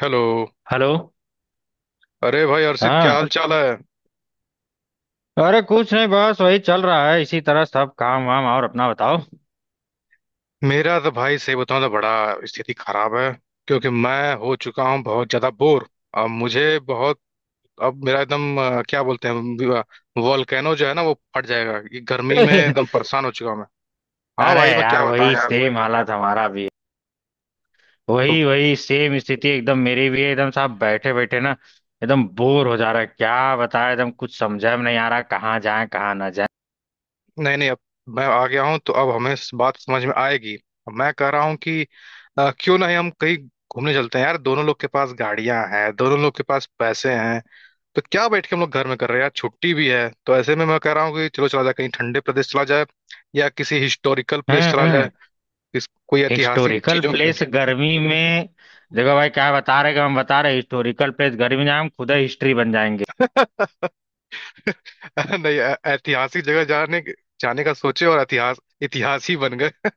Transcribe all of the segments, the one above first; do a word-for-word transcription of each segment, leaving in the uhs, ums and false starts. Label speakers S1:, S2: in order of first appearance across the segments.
S1: Hello.
S2: Hello.
S1: अरे भाई अर्षित, क्या
S2: हाँ।
S1: हाल चाल है।
S2: अरे कुछ नहीं, बस वही चल रहा है इसी तरह सब काम वाम। और अपना बताओ।
S1: मेरा तो भाई सही बताऊं तो बड़ा स्थिति खराब है, क्योंकि मैं हो चुका हूँ बहुत ज्यादा बोर। अब मुझे बहुत। अब मेरा एकदम अ, क्या बोलते हैं, वॉल्केनो जो है ना वो फट जाएगा, ये गर्मी में एकदम परेशान हो चुका हूं मैं। हाँ
S2: अरे
S1: भाई, मैं
S2: यार,
S1: क्या बताऊं
S2: वही
S1: यार।
S2: सेम हालत हमारा भी है।
S1: तो
S2: वही वही सेम स्थिति एकदम मेरी भी है। एकदम साहब बैठे बैठे ना एकदम बोर हो जा रहा है, क्या बताए, एकदम कुछ समझा में नहीं आ रहा, कहाँ जाए कहाँ ना जाए।
S1: नहीं नहीं, अब मैं आ गया हूँ तो अब हमें इस बात समझ में आएगी। अब मैं कह रहा हूँ कि अ, क्यों नहीं हम कहीं घूमने चलते हैं यार, दोनों लोग के पास गाड़ियां हैं, दोनों लोग के पास पैसे हैं। तो क्या बैठ के हम लोग घर में कर रहे हैं यार, छुट्टी भी है, तो ऐसे में मैं कह रहा हूँ कि चलो चला जाए कहीं, ठंडे प्रदेश चला जाए या किसी हिस्टोरिकल प्लेस चला
S2: हम्म।
S1: जाए। किस कोई ऐतिहासिक
S2: हिस्टोरिकल
S1: चीजों को।
S2: प्लेस गर्मी में? देखो भाई, क्या बता रहे कि हम बता रहे हिस्टोरिकल प्लेस गर्मी में, हम खुद हिस्ट्री बन जाएंगे।
S1: नहीं, ऐ- ऐतिहासिक जगह जाने जाने का सोचे और इतिहास इतिहास ही बन गए।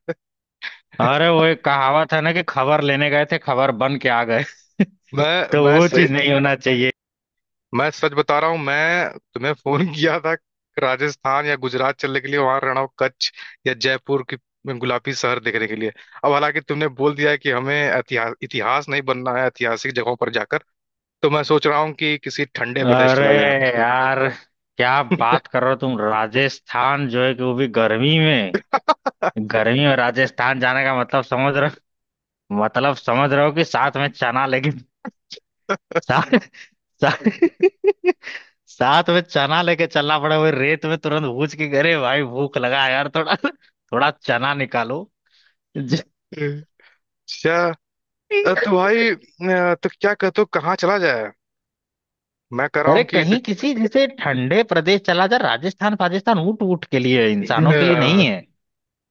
S2: अरे वो एक कहावत है ना कि खबर लेने गए थे, खबर बन के आ गए।
S1: मैं
S2: तो
S1: मैं
S2: वो
S1: सही,
S2: चीज नहीं होना चाहिए।
S1: मैं सच बता रहा हूँ, मैं तुम्हें फोन किया था। राजस्थान या गुजरात चलने के लिए, वहां रहना हो कच्छ या जयपुर की गुलाबी शहर देखने के लिए। अब हालांकि तुमने बोल दिया है कि हमें इतिहास इतिहास नहीं बनना है ऐतिहासिक जगहों पर जाकर, तो मैं सोच रहा हूँ कि किसी ठंडे प्रदेश
S2: अरे
S1: चला जाए।
S2: यार, क्या बात कर रहे हो तुम? राजस्थान जो है कि वो भी गर्मी में। गर्मी में राजस्थान जाने का मतलब समझ रहे हो? मतलब समझ रहे हो कि साथ में चना लेके साथ साथ, साथ में चना लेके चलना पड़ा, वो रेत में तुरंत भूज के अरे भाई भूख लगा है यार थोड़ा थोड़ा चना निकालो। ज-
S1: अच्छा, अ, तो भाई, अ, तो क्या कहते हो कहाँ चला जाए। मैं कह रहा
S2: अरे
S1: हूँ कि तो,
S2: कहीं किसी जैसे ठंडे प्रदेश चला जा, राजस्थान पाकिस्तान ऊंट ऊंट के लिए है, इंसानों के लिए नहीं।
S1: अ,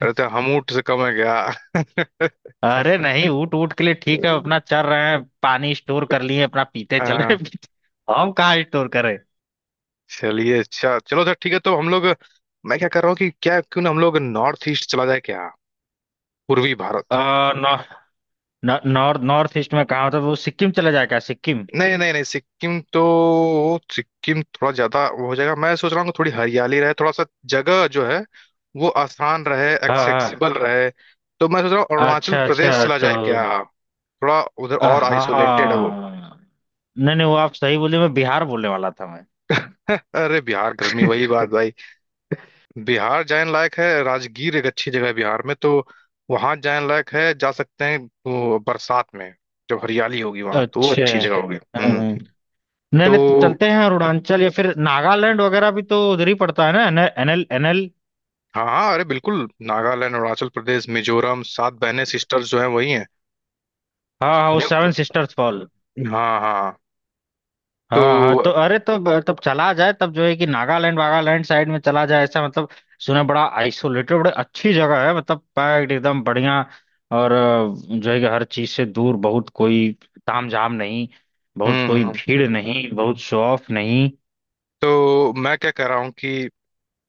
S1: अरे तो हम ऊँट से कम है क्या?
S2: अरे नहीं, ऊट ऊट के लिए ठीक है, अपना चल रहे हैं पानी स्टोर कर लिए अपना पीते
S1: अ,
S2: चल रहे हैं पीते। हम कहाँ स्टोर करें?
S1: चलिए, अच्छा चलो सर ठीक है, तो हम लोग, मैं क्या कर रहा हूँ कि क्या, क्यों ना हम लोग नॉर्थ ईस्ट चला जाए क्या, पूर्वी
S2: अ,
S1: भारत।
S2: नॉ- नॉ- नॉर्थ नॉर्थ ईस्ट में कहाँ? तो वो सिक्किम चला जाए क्या, सिक्किम?
S1: नहीं नहीं नहीं, सिक्किम तो सिक्किम थोड़ा ज्यादा वो हो जाएगा, मैं सोच रहा हूँ कि थोड़ी हरियाली रहे, थोड़ा सा जगह जो है वो आसान रहे,
S2: हाँ हाँ।
S1: एक्सेसिबल रहे। तो मैं सोच रहा हूँ अरुणाचल
S2: अच्छा अच्छा
S1: प्रदेश चला
S2: तो
S1: जाए क्या, थोड़ा उधर
S2: अ,
S1: और
S2: हाँ
S1: आइसोलेटेड है
S2: हाँ,
S1: वो।
S2: हाँ। नहीं नहीं, वो आप सही बोले, मैं बिहार बोलने वाला था मैं।
S1: अरे बिहार गर्मी वही बात भाई। बिहार जाने लायक है, राजगीर एक अच्छी जगह है बिहार में, तो वहां जाने लायक है, जा सकते हैं। वो बरसात में जब हरियाली होगी वहां, तो वो
S2: अच्छा।
S1: अच्छी जगह होगी। हम्म।
S2: हम्म। नहीं
S1: तो
S2: नहीं, तो चलते हैं अरुणाचल या फिर नागालैंड वगैरह भी तो उधर ही पड़ता है ना, एन एल एन एल।
S1: हाँ, अरे बिल्कुल नागालैंड अरुणाचल प्रदेश मिजोरम, सात बहनें सिस्टर्स जो हैं वही हैं।
S2: हाँ हाँ, वो
S1: उन्हें,
S2: सेवन सिस्टर्स फॉल।
S1: हाँ हाँ तो।
S2: हाँ हाँ तो अरे, तब तब चला जाए, तब जो है कि नागालैंड वागालैंड साइड में चला जाए, ऐसा मतलब। सुना बड़ा आइसोलेटेड, बड़ी अच्छी जगह है, मतलब पैक्ड एकदम बढ़िया। और अ, जो है कि हर चीज से दूर, बहुत कोई तामझाम नहीं, बहुत
S1: हम्म
S2: कोई
S1: हम्म,
S2: भीड़ नहीं, बहुत शो ऑफ नहीं।
S1: तो मैं क्या कह रहा हूँ कि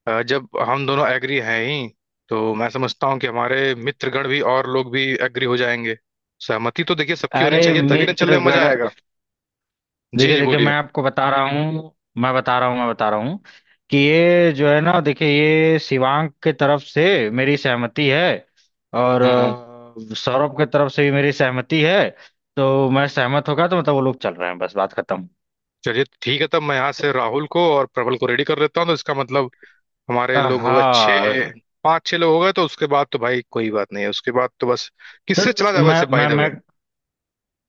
S1: अ, जब हम दोनों एग्री हैं ही, तो मैं समझता हूँ कि हमारे मित्रगण भी और लोग भी एग्री हो जाएंगे। सहमति तो देखिए सबकी होनी
S2: अरे
S1: चाहिए, तभी ना चलने में मजा
S2: मित्रगण।
S1: आएगा। जी
S2: देखिए
S1: जी
S2: देखिए,
S1: बोलिए।
S2: मैं आपको बता रहा हूँ। मैं बता रहा हूँ, मैं बता रहा हूँ कि ये जो है ना देखिए, ये शिवांग के तरफ से मेरी सहमति है। और
S1: हम्म हम्म।
S2: अ, सौरभ के तरफ से भी मेरी सहमति है। तो मैं सहमत होगा तो मतलब वो लोग चल रहे हैं, बस बात खत्म।
S1: चलिए ठीक है, तब मैं यहाँ से राहुल को और प्रबल को रेडी कर लेता हूँ, तो इसका मतलब
S2: अ,
S1: हमारे लोग होगा
S2: हाँ।
S1: छः, पाँच छः लोग हो गए। तो उसके बाद तो भाई कोई बात नहीं है, उसके बाद तो बस
S2: तो,
S1: किससे
S2: तो
S1: चला जाए
S2: मैं
S1: वैसे, बाय
S2: मैं
S1: द
S2: मैं
S1: वे।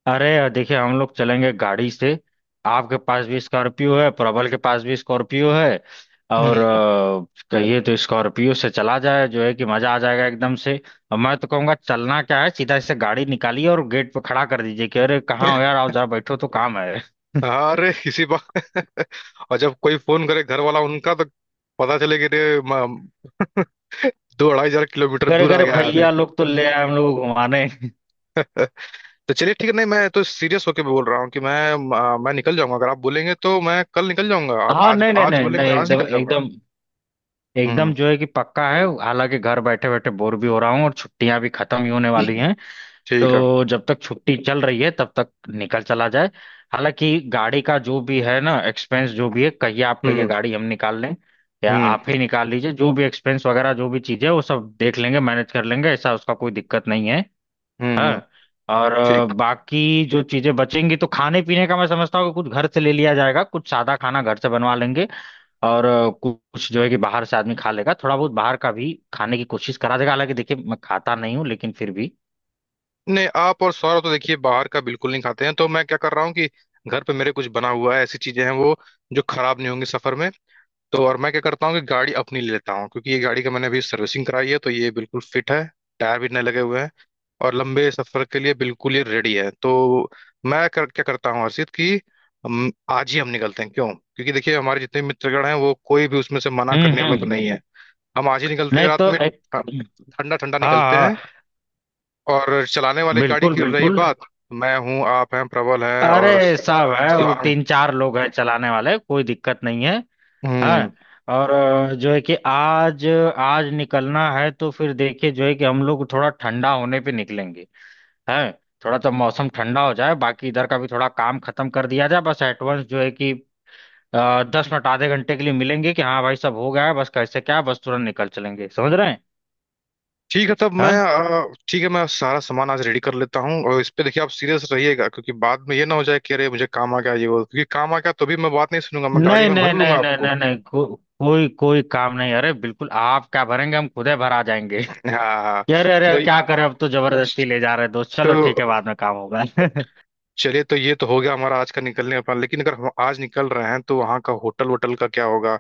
S2: अरे यार देखिए, हम लोग चलेंगे गाड़ी से। आपके पास भी स्कॉर्पियो है, प्रबल के पास भी स्कॉर्पियो है। और अ, कहिए तो स्कॉर्पियो से चला जाए, जो है कि मजा आ जाएगा एकदम से। और मैं तो कहूँगा चलना क्या है, सीधा से गाड़ी निकालिए और गेट पे खड़ा कर दीजिए कि अरे कहाँ हो यार, आओ जरा बैठो तो काम है।
S1: अरे इसी बात। और जब कोई फोन करे घर वाला उनका तो पता चले कि रे म- दो अढ़ाई हजार किलोमीटर
S2: अरे
S1: दूर आ
S2: अरे
S1: गया है आदमी।
S2: भैया लोग तो ले आए हम लोग घुमाने।
S1: तो चलिए ठीक है, नहीं मैं तो सीरियस होके बोल रहा हूँ कि मैं आ, मैं निकल जाऊंगा, अगर आप बोलेंगे तो मैं कल निकल जाऊंगा, आप
S2: हाँ
S1: आज
S2: नहीं नहीं
S1: आज
S2: नहीं
S1: बोलेंगे
S2: नहीं,
S1: मैं आज
S2: एकदम
S1: निकल जाऊंगा।
S2: एकदम एकदम
S1: हम्म।
S2: जो है कि पक्का है, हालांकि घर बैठे बैठे बोर भी हो रहा हूँ और छुट्टियां भी खत्म ही होने वाली हैं।
S1: ठीक है।
S2: तो जब तक छुट्टी चल रही है तब तक निकल चला जाए। हालांकि गाड़ी का जो भी है ना एक्सपेंस जो भी है, कहिए आप कहिए
S1: हम्म
S2: गाड़ी हम निकाल लें या
S1: हम्म।
S2: आप ही निकाल लीजिए, जो भी एक्सपेंस वगैरह जो भी चीज़ है वो सब देख लेंगे, मैनेज कर लेंगे, ऐसा उसका कोई दिक्कत नहीं है।
S1: हम्म हम्म,
S2: हाँ। और अ,
S1: ठीक।
S2: बाकी जो चीज़ें बचेंगी तो खाने पीने का मैं समझता हूँ कि कुछ घर से ले लिया जाएगा, कुछ सादा खाना घर से बनवा लेंगे। और अ, कुछ जो है कि बाहर से आदमी खा लेगा, थोड़ा बहुत बाहर का भी खाने की कोशिश करा देगा, हालांकि देखिए मैं खाता नहीं हूँ लेकिन फिर भी।
S1: नहीं आप और सौरभ तो देखिए बाहर का बिल्कुल नहीं खाते हैं, तो मैं क्या कर रहा हूँ कि घर पे मेरे कुछ बना हुआ है, ऐसी चीजें हैं वो जो खराब नहीं होंगी सफर में। तो और मैं क्या करता हूँ कि गाड़ी अपनी ले लेता हूँ, क्योंकि ये गाड़ी का मैंने अभी सर्विसिंग कराई है तो ये बिल्कुल फिट है, टायर भी नए लगे हुए हैं और लंबे सफर के लिए बिल्कुल ये रेडी है। तो मैं कर, क्या करता हूँ हर्षित, कि हम आज ही हम निकलते हैं, क्यों? क्योंकि देखिए हमारे जितने भी मित्रगण हैं वो कोई भी उसमें से मना
S2: हम्म
S1: करने वाला तो
S2: हम्म।
S1: नहीं है। हम आज ही निकलते हैं
S2: नहीं
S1: रात
S2: तो
S1: में।
S2: एक।
S1: हाँ, ठंडा ठंडा
S2: हाँ
S1: निकलते
S2: हाँ
S1: हैं। और चलाने वाली गाड़ी
S2: बिल्कुल
S1: की रही
S2: बिल्कुल।
S1: बात, मैं हूँ, आप हैं, प्रबल है
S2: अरे
S1: और
S2: सब है, वो
S1: शिवांग।
S2: तीन चार लोग हैं चलाने वाले, कोई दिक्कत नहीं है।
S1: हम्म।
S2: हाँ। और अ, जो है कि आज आज निकलना है तो फिर देखिए जो है कि हम लोग थोड़ा ठंडा होने पे निकलेंगे। हैं। थोड़ा तो मौसम ठंडा हो जाए, बाकी इधर का भी थोड़ा काम खत्म कर दिया जाए, बस एडवांस जो है कि अ, दस मिनट आधे घंटे के लिए मिलेंगे कि हाँ भाई सब हो गया है, बस कैसे क्या बस तुरंत निकल चलेंगे, समझ रहे हैं।
S1: ठीक है, तब मैं
S2: हाँ।
S1: अ, ठीक है मैं सारा सामान आज रेडी कर लेता हूँ, और इस पे देखिए आप सीरियस रहिएगा, क्योंकि बाद में ये ना हो जाए कि अरे मुझे काम आ गया ये वो, क्योंकि काम आ गया तो भी मैं बात नहीं सुनूंगा, मैं गाड़ी
S2: नहीं
S1: में
S2: नहीं
S1: भर लूंगा
S2: नहीं नहीं
S1: आपको।
S2: नहीं नहीं को, कोई कोई काम नहीं। अरे बिल्कुल, आप क्या भरेंगे, हम खुद ही भरा जाएंगे। कि
S1: हाँ।
S2: अरे अरे
S1: तो
S2: क्या करें, अब तो जबरदस्ती ले जा रहे हैं दोस्त,
S1: तो
S2: चलो ठीक है बाद में काम होगा।
S1: चलिए, तो ये तो हो गया हमारा आज का निकलने का plan। लेकिन अगर हम आज निकल रहे हैं तो वहाँ का होटल वोटल का क्या होगा,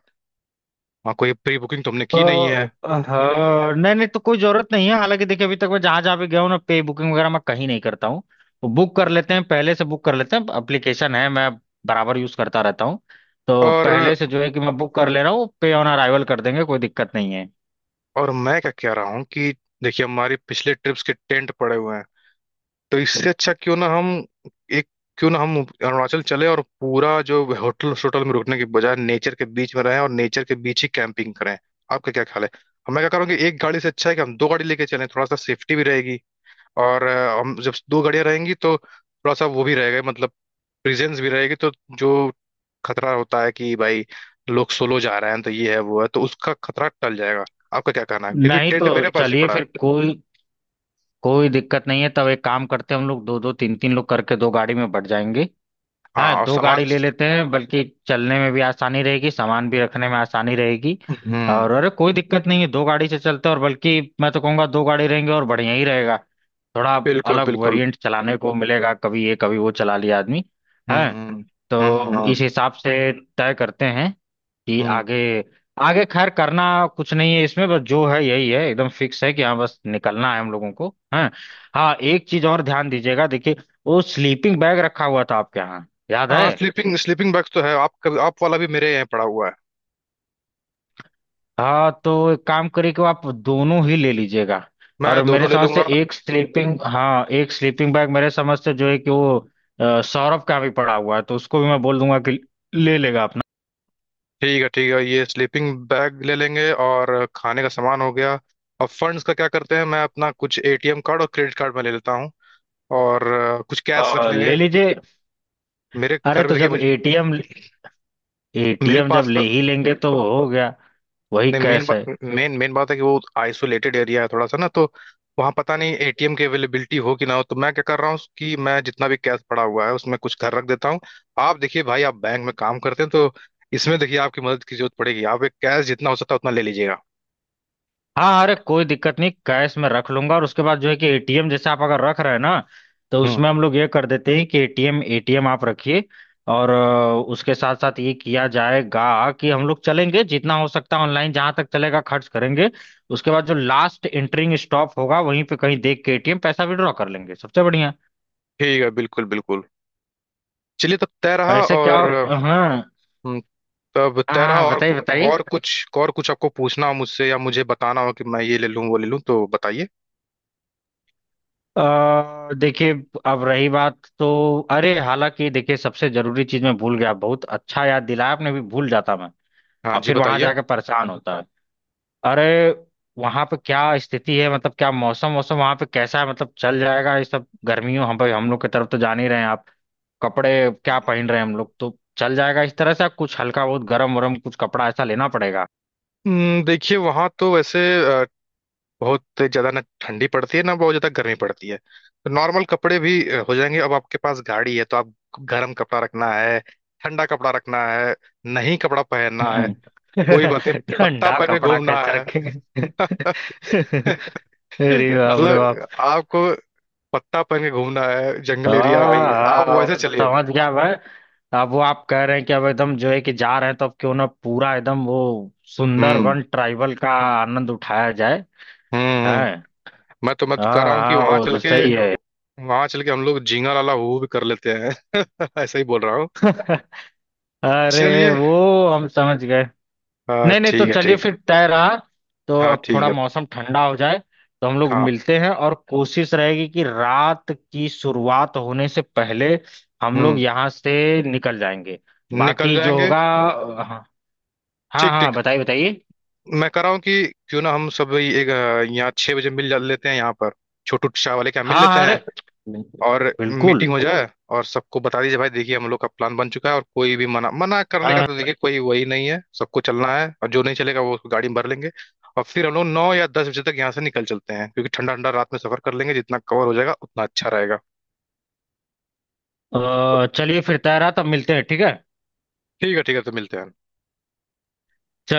S1: वहाँ कोई प्री बुकिंग तो हमने की नहीं
S2: तो
S1: है।
S2: हाँ। नहीं नहीं, तो कोई जरूरत नहीं है, हालांकि देखिए अभी तक मैं जहां जहां भी गया हूँ ना, पे बुकिंग वगैरह मैं कहीं नहीं करता हूँ। तो बुक कर लेते हैं, पहले से बुक कर लेते हैं, एप्लीकेशन है, मैं बराबर यूज करता रहता हूँ। तो
S1: और
S2: पहले से जो है कि मैं बुक कर ले रहा हूँ, पे ऑन अराइवल कर देंगे, कोई दिक्कत नहीं है।
S1: और मैं क्या कह रहा हूँ कि देखिए हमारी पिछले ट्रिप्स के टेंट पड़े हुए हैं, तो इससे अच्छा क्यों ना हम एक, क्यों ना हम अरुणाचल चले और पूरा जो होटल होटल में रुकने के बजाय नेचर के बीच में रहें और नेचर के बीच ही कैंपिंग करें। आपका क्या ख्याल है? हम मैं क्या कह रहा हूँ कि एक गाड़ी से अच्छा है कि हम दो गाड़ी लेके चलें, थोड़ा सा सेफ्टी भी रहेगी। और अ, हम जब दो गाड़ियाँ रहेंगी तो थोड़ा सा वो भी रहेगा मतलब प्रेजेंस भी रहेगी। तो जो खतरा होता है कि भाई लोग सोलो जा रहे हैं तो ये है वो है, तो उसका खतरा टल जाएगा। आपका क्या कहना है, क्योंकि
S2: नहीं तो
S1: टेंट मेरे पास भी
S2: चलिए,
S1: पड़ा है।
S2: फिर कोई कोई दिक्कत नहीं है, तब एक काम करते हैं हम लोग दो दो तीन तीन लोग करके दो गाड़ी में बढ़ जाएंगे। हाँ
S1: हाँ, और
S2: दो
S1: सामान।
S2: गाड़ी ले लेते हैं, बल्कि चलने में भी आसानी रहेगी, सामान भी रखने में आसानी रहेगी।
S1: हम्म।
S2: और अरे कोई दिक्कत नहीं है, दो गाड़ी से चलते हैं, और बल्कि मैं तो कहूँगा दो गाड़ी रहेंगे और बढ़िया ही रहेगा। थोड़ा
S1: बिल्कुल
S2: अलग
S1: बिल्कुल।
S2: वेरिएंट चलाने को मिलेगा, कभी ये कभी वो चला लिया आदमी।
S1: हम्म
S2: है।
S1: हम्म। हम्म
S2: तो
S1: हाँ,
S2: इस हिसाब से तय करते हैं कि
S1: हम्म।
S2: आगे आगे खैर करना कुछ नहीं है इसमें, बस जो है यही है एकदम फिक्स है कि हाँ बस निकलना है हम लोगों को। हाँ हाँ, एक चीज और ध्यान दीजिएगा, देखिए वो स्लीपिंग बैग रखा हुआ था आपके यहाँ, याद है?
S1: हाँ, स्लीपिंग स्लीपिंग बैग्स तो है, आप आप वाला भी मेरे यहाँ पड़ा हुआ है।
S2: हाँ तो एक काम करिए कि आप दोनों ही ले लीजिएगा।
S1: मैं
S2: और मेरे
S1: दोनों ले
S2: समझ से
S1: लूंगा।
S2: एक स्लीपिंग हाँ एक स्लीपिंग बैग मेरे समझ से जो है कि वो अ, सौरभ का भी पड़ा हुआ है, तो उसको भी मैं बोल दूंगा कि ले लेगा अपना।
S1: ठीक है, ठीक है, ये स्लीपिंग बैग ले लेंगे, और खाने का सामान हो गया। अब फंड्स का क्या करते हैं, मैं अपना कुछ ए टी एम कार्ड और क्रेडिट कार्ड में ले लेता हूँ, और अ, कुछ कैश रख
S2: अ,
S1: लेंगे।
S2: ले लीजिए।
S1: मेरे
S2: अरे
S1: घर में
S2: तो
S1: देखिए
S2: जब
S1: मुझे-
S2: एटीएम
S1: मेरे
S2: एटीएम जब
S1: पास
S2: ले
S1: तो,
S2: ही लेंगे तो वो हो गया, वही
S1: नहीं मेन
S2: कैश है।
S1: मेन मेन बात है कि वो आइसोलेटेड एरिया है थोड़ा सा ना, तो वहाँ पता नहीं ए टी एम की अवेलेबिलिटी हो कि ना हो। तो मैं क्या कर रहा हूँ कि मैं जितना भी कैश पड़ा हुआ है उसमें कुछ घर रख देता हूँ। आप देखिए भाई, आप बैंक में काम करते हैं तो इसमें देखिए आपकी मदद की जरूरत पड़ेगी, आप एक कैश जितना हो सकता है उतना ले लीजिएगा।
S2: हाँ अरे कोई दिक्कत नहीं, कैश में रख लूंगा। और उसके बाद जो है कि एटीएम जैसे आप अगर रख रहे हैं ना, तो
S1: हम्म,
S2: उसमें हम लोग ये कर देते हैं कि एटीएम एटीएम आप रखिए। और अ, उसके साथ साथ ये किया जाएगा कि हम लोग चलेंगे जितना हो सकता है ऑनलाइन जहां तक चलेगा खर्च करेंगे। उसके बाद जो लास्ट एंटरिंग स्टॉप होगा वहीं पे कहीं देख के एटीएम पैसा विड्रॉ कर लेंगे, सबसे बढ़िया।
S1: ठीक है, बिल्कुल बिल्कुल। चलिए तब तय रहा,
S2: ऐसे क्या।
S1: और
S2: हाँ हाँ।
S1: हम्म, तब
S2: हाँ
S1: तय रहा।
S2: हाँ,
S1: और
S2: बताइए बताइए।
S1: और कुछ, और कुछ आपको पूछना हो मुझसे या मुझे बताना हो कि मैं ये ले लूँ वो ले लूँ तो बताइए।
S2: अ, देखिए, अब रही बात तो अरे, हालांकि देखिए सबसे जरूरी चीज मैं भूल गया, बहुत अच्छा याद दिलाया, आपने भी भूल जाता मैं।
S1: हाँ
S2: और
S1: जी
S2: फिर वहां
S1: बताइए।
S2: जाकर परेशान होता है। अरे वहां पे क्या स्थिति है, मतलब क्या मौसम मौसम वहां पे कैसा है, मतलब चल जाएगा ये सब? गर्मियों हम भाई हम लोग की तरफ तो जान ही रहे हैं आप, कपड़े क्या पहन रहे हैं हम लोग तो चल जाएगा इस तरह से, कुछ हल्का, बहुत गर्म वरम कुछ कपड़ा ऐसा लेना पड़ेगा।
S1: हम्म, देखिए वहाँ तो वैसे अ, बहुत ज़्यादा ना ठंडी पड़ती है ना बहुत ज़्यादा गर्मी पड़ती है, तो नॉर्मल कपड़े भी अ, हो जाएंगे। अब आपके पास गाड़ी है तो आप गर्म कपड़ा रखना है, ठंडा कपड़ा रखना है, नहीं कपड़ा पहनना है,
S2: हम्म।
S1: कोई बात नहीं, पत्ता
S2: ठंडा
S1: पहन के
S2: कपड़ा
S1: घूमना
S2: कैसे
S1: है।
S2: रखेंगे? अरे बाप रे बाप।
S1: मतलब आपको पत्ता पहन के घूमना है, जंगल एरिया है
S2: हाँ
S1: भाई, आप वैसे
S2: हाँ,
S1: चलिए।
S2: समझ गया मैं। अब वो आप कह रहे हैं कि अब एकदम जो है कि जा रहे हैं, तो अब क्यों ना पूरा एकदम वो
S1: हम्म हम्म
S2: सुंदरबन ट्राइबल का आनंद उठाया जाए।
S1: हम्म।
S2: है।
S1: मैं तो मैं तो कह
S2: हाँ
S1: रहा हूँ कि
S2: हाँ
S1: वहां
S2: वो
S1: चल
S2: तो
S1: के
S2: सही है।
S1: वहां चल के हम लोग झींगा लाला हू भी कर लेते हैं। ऐसा ही बोल रहा हूँ।
S2: अरे
S1: चलिए,
S2: वो हम समझ गए।
S1: हाँ
S2: नहीं नहीं, तो
S1: ठीक है ठीक
S2: चलिए
S1: है।
S2: फिर तय रहा, तो
S1: हाँ
S2: अब
S1: ठीक
S2: थोड़ा
S1: है।
S2: मौसम ठंडा हो जाए तो हम लोग
S1: हाँ
S2: मिलते हैं, और कोशिश रहेगी कि रात की शुरुआत होने से पहले हम लोग
S1: हम्म,
S2: यहाँ से निकल जाएंगे,
S1: निकल
S2: बाकी जो
S1: जाएंगे।
S2: होगा। हाँ, हाँ
S1: ठीक
S2: हाँ
S1: ठीक।
S2: बताइए बताइए।
S1: मैं कह रहा हूँ कि क्यों ना हम सब ये- एक अ, यहाँ छह बजे मिल जा लेते हैं, यहाँ पर छोटू चाय वाले के यहाँ मिल
S2: हाँ
S1: लेते
S2: हाँ। अरे
S1: हैं।
S2: बिल्कुल
S1: और
S2: बिल्कुल।
S1: मीटिंग हो जाए, और सबको बता दीजिए भाई देखिए हम लोग का प्लान बन चुका है, और कोई भी मना मना करने का
S2: हाँ
S1: तो देखिए कोई वही नहीं है, सबको चलना है और जो नहीं चलेगा वो उसको गाड़ी में भर लेंगे। और फिर हम लोग नौ या दस बजे तक यहाँ से निकल चलते हैं, क्योंकि ठंडा ठंडा रात में सफर कर लेंगे, जितना कवर हो जाएगा उतना अच्छा रहेगा।
S2: अ, चलिए फिर तैयार, तब मिलते हैं, ठीक है।
S1: ठीक है ठीक है, तो मिलते हैं।
S2: चलिए।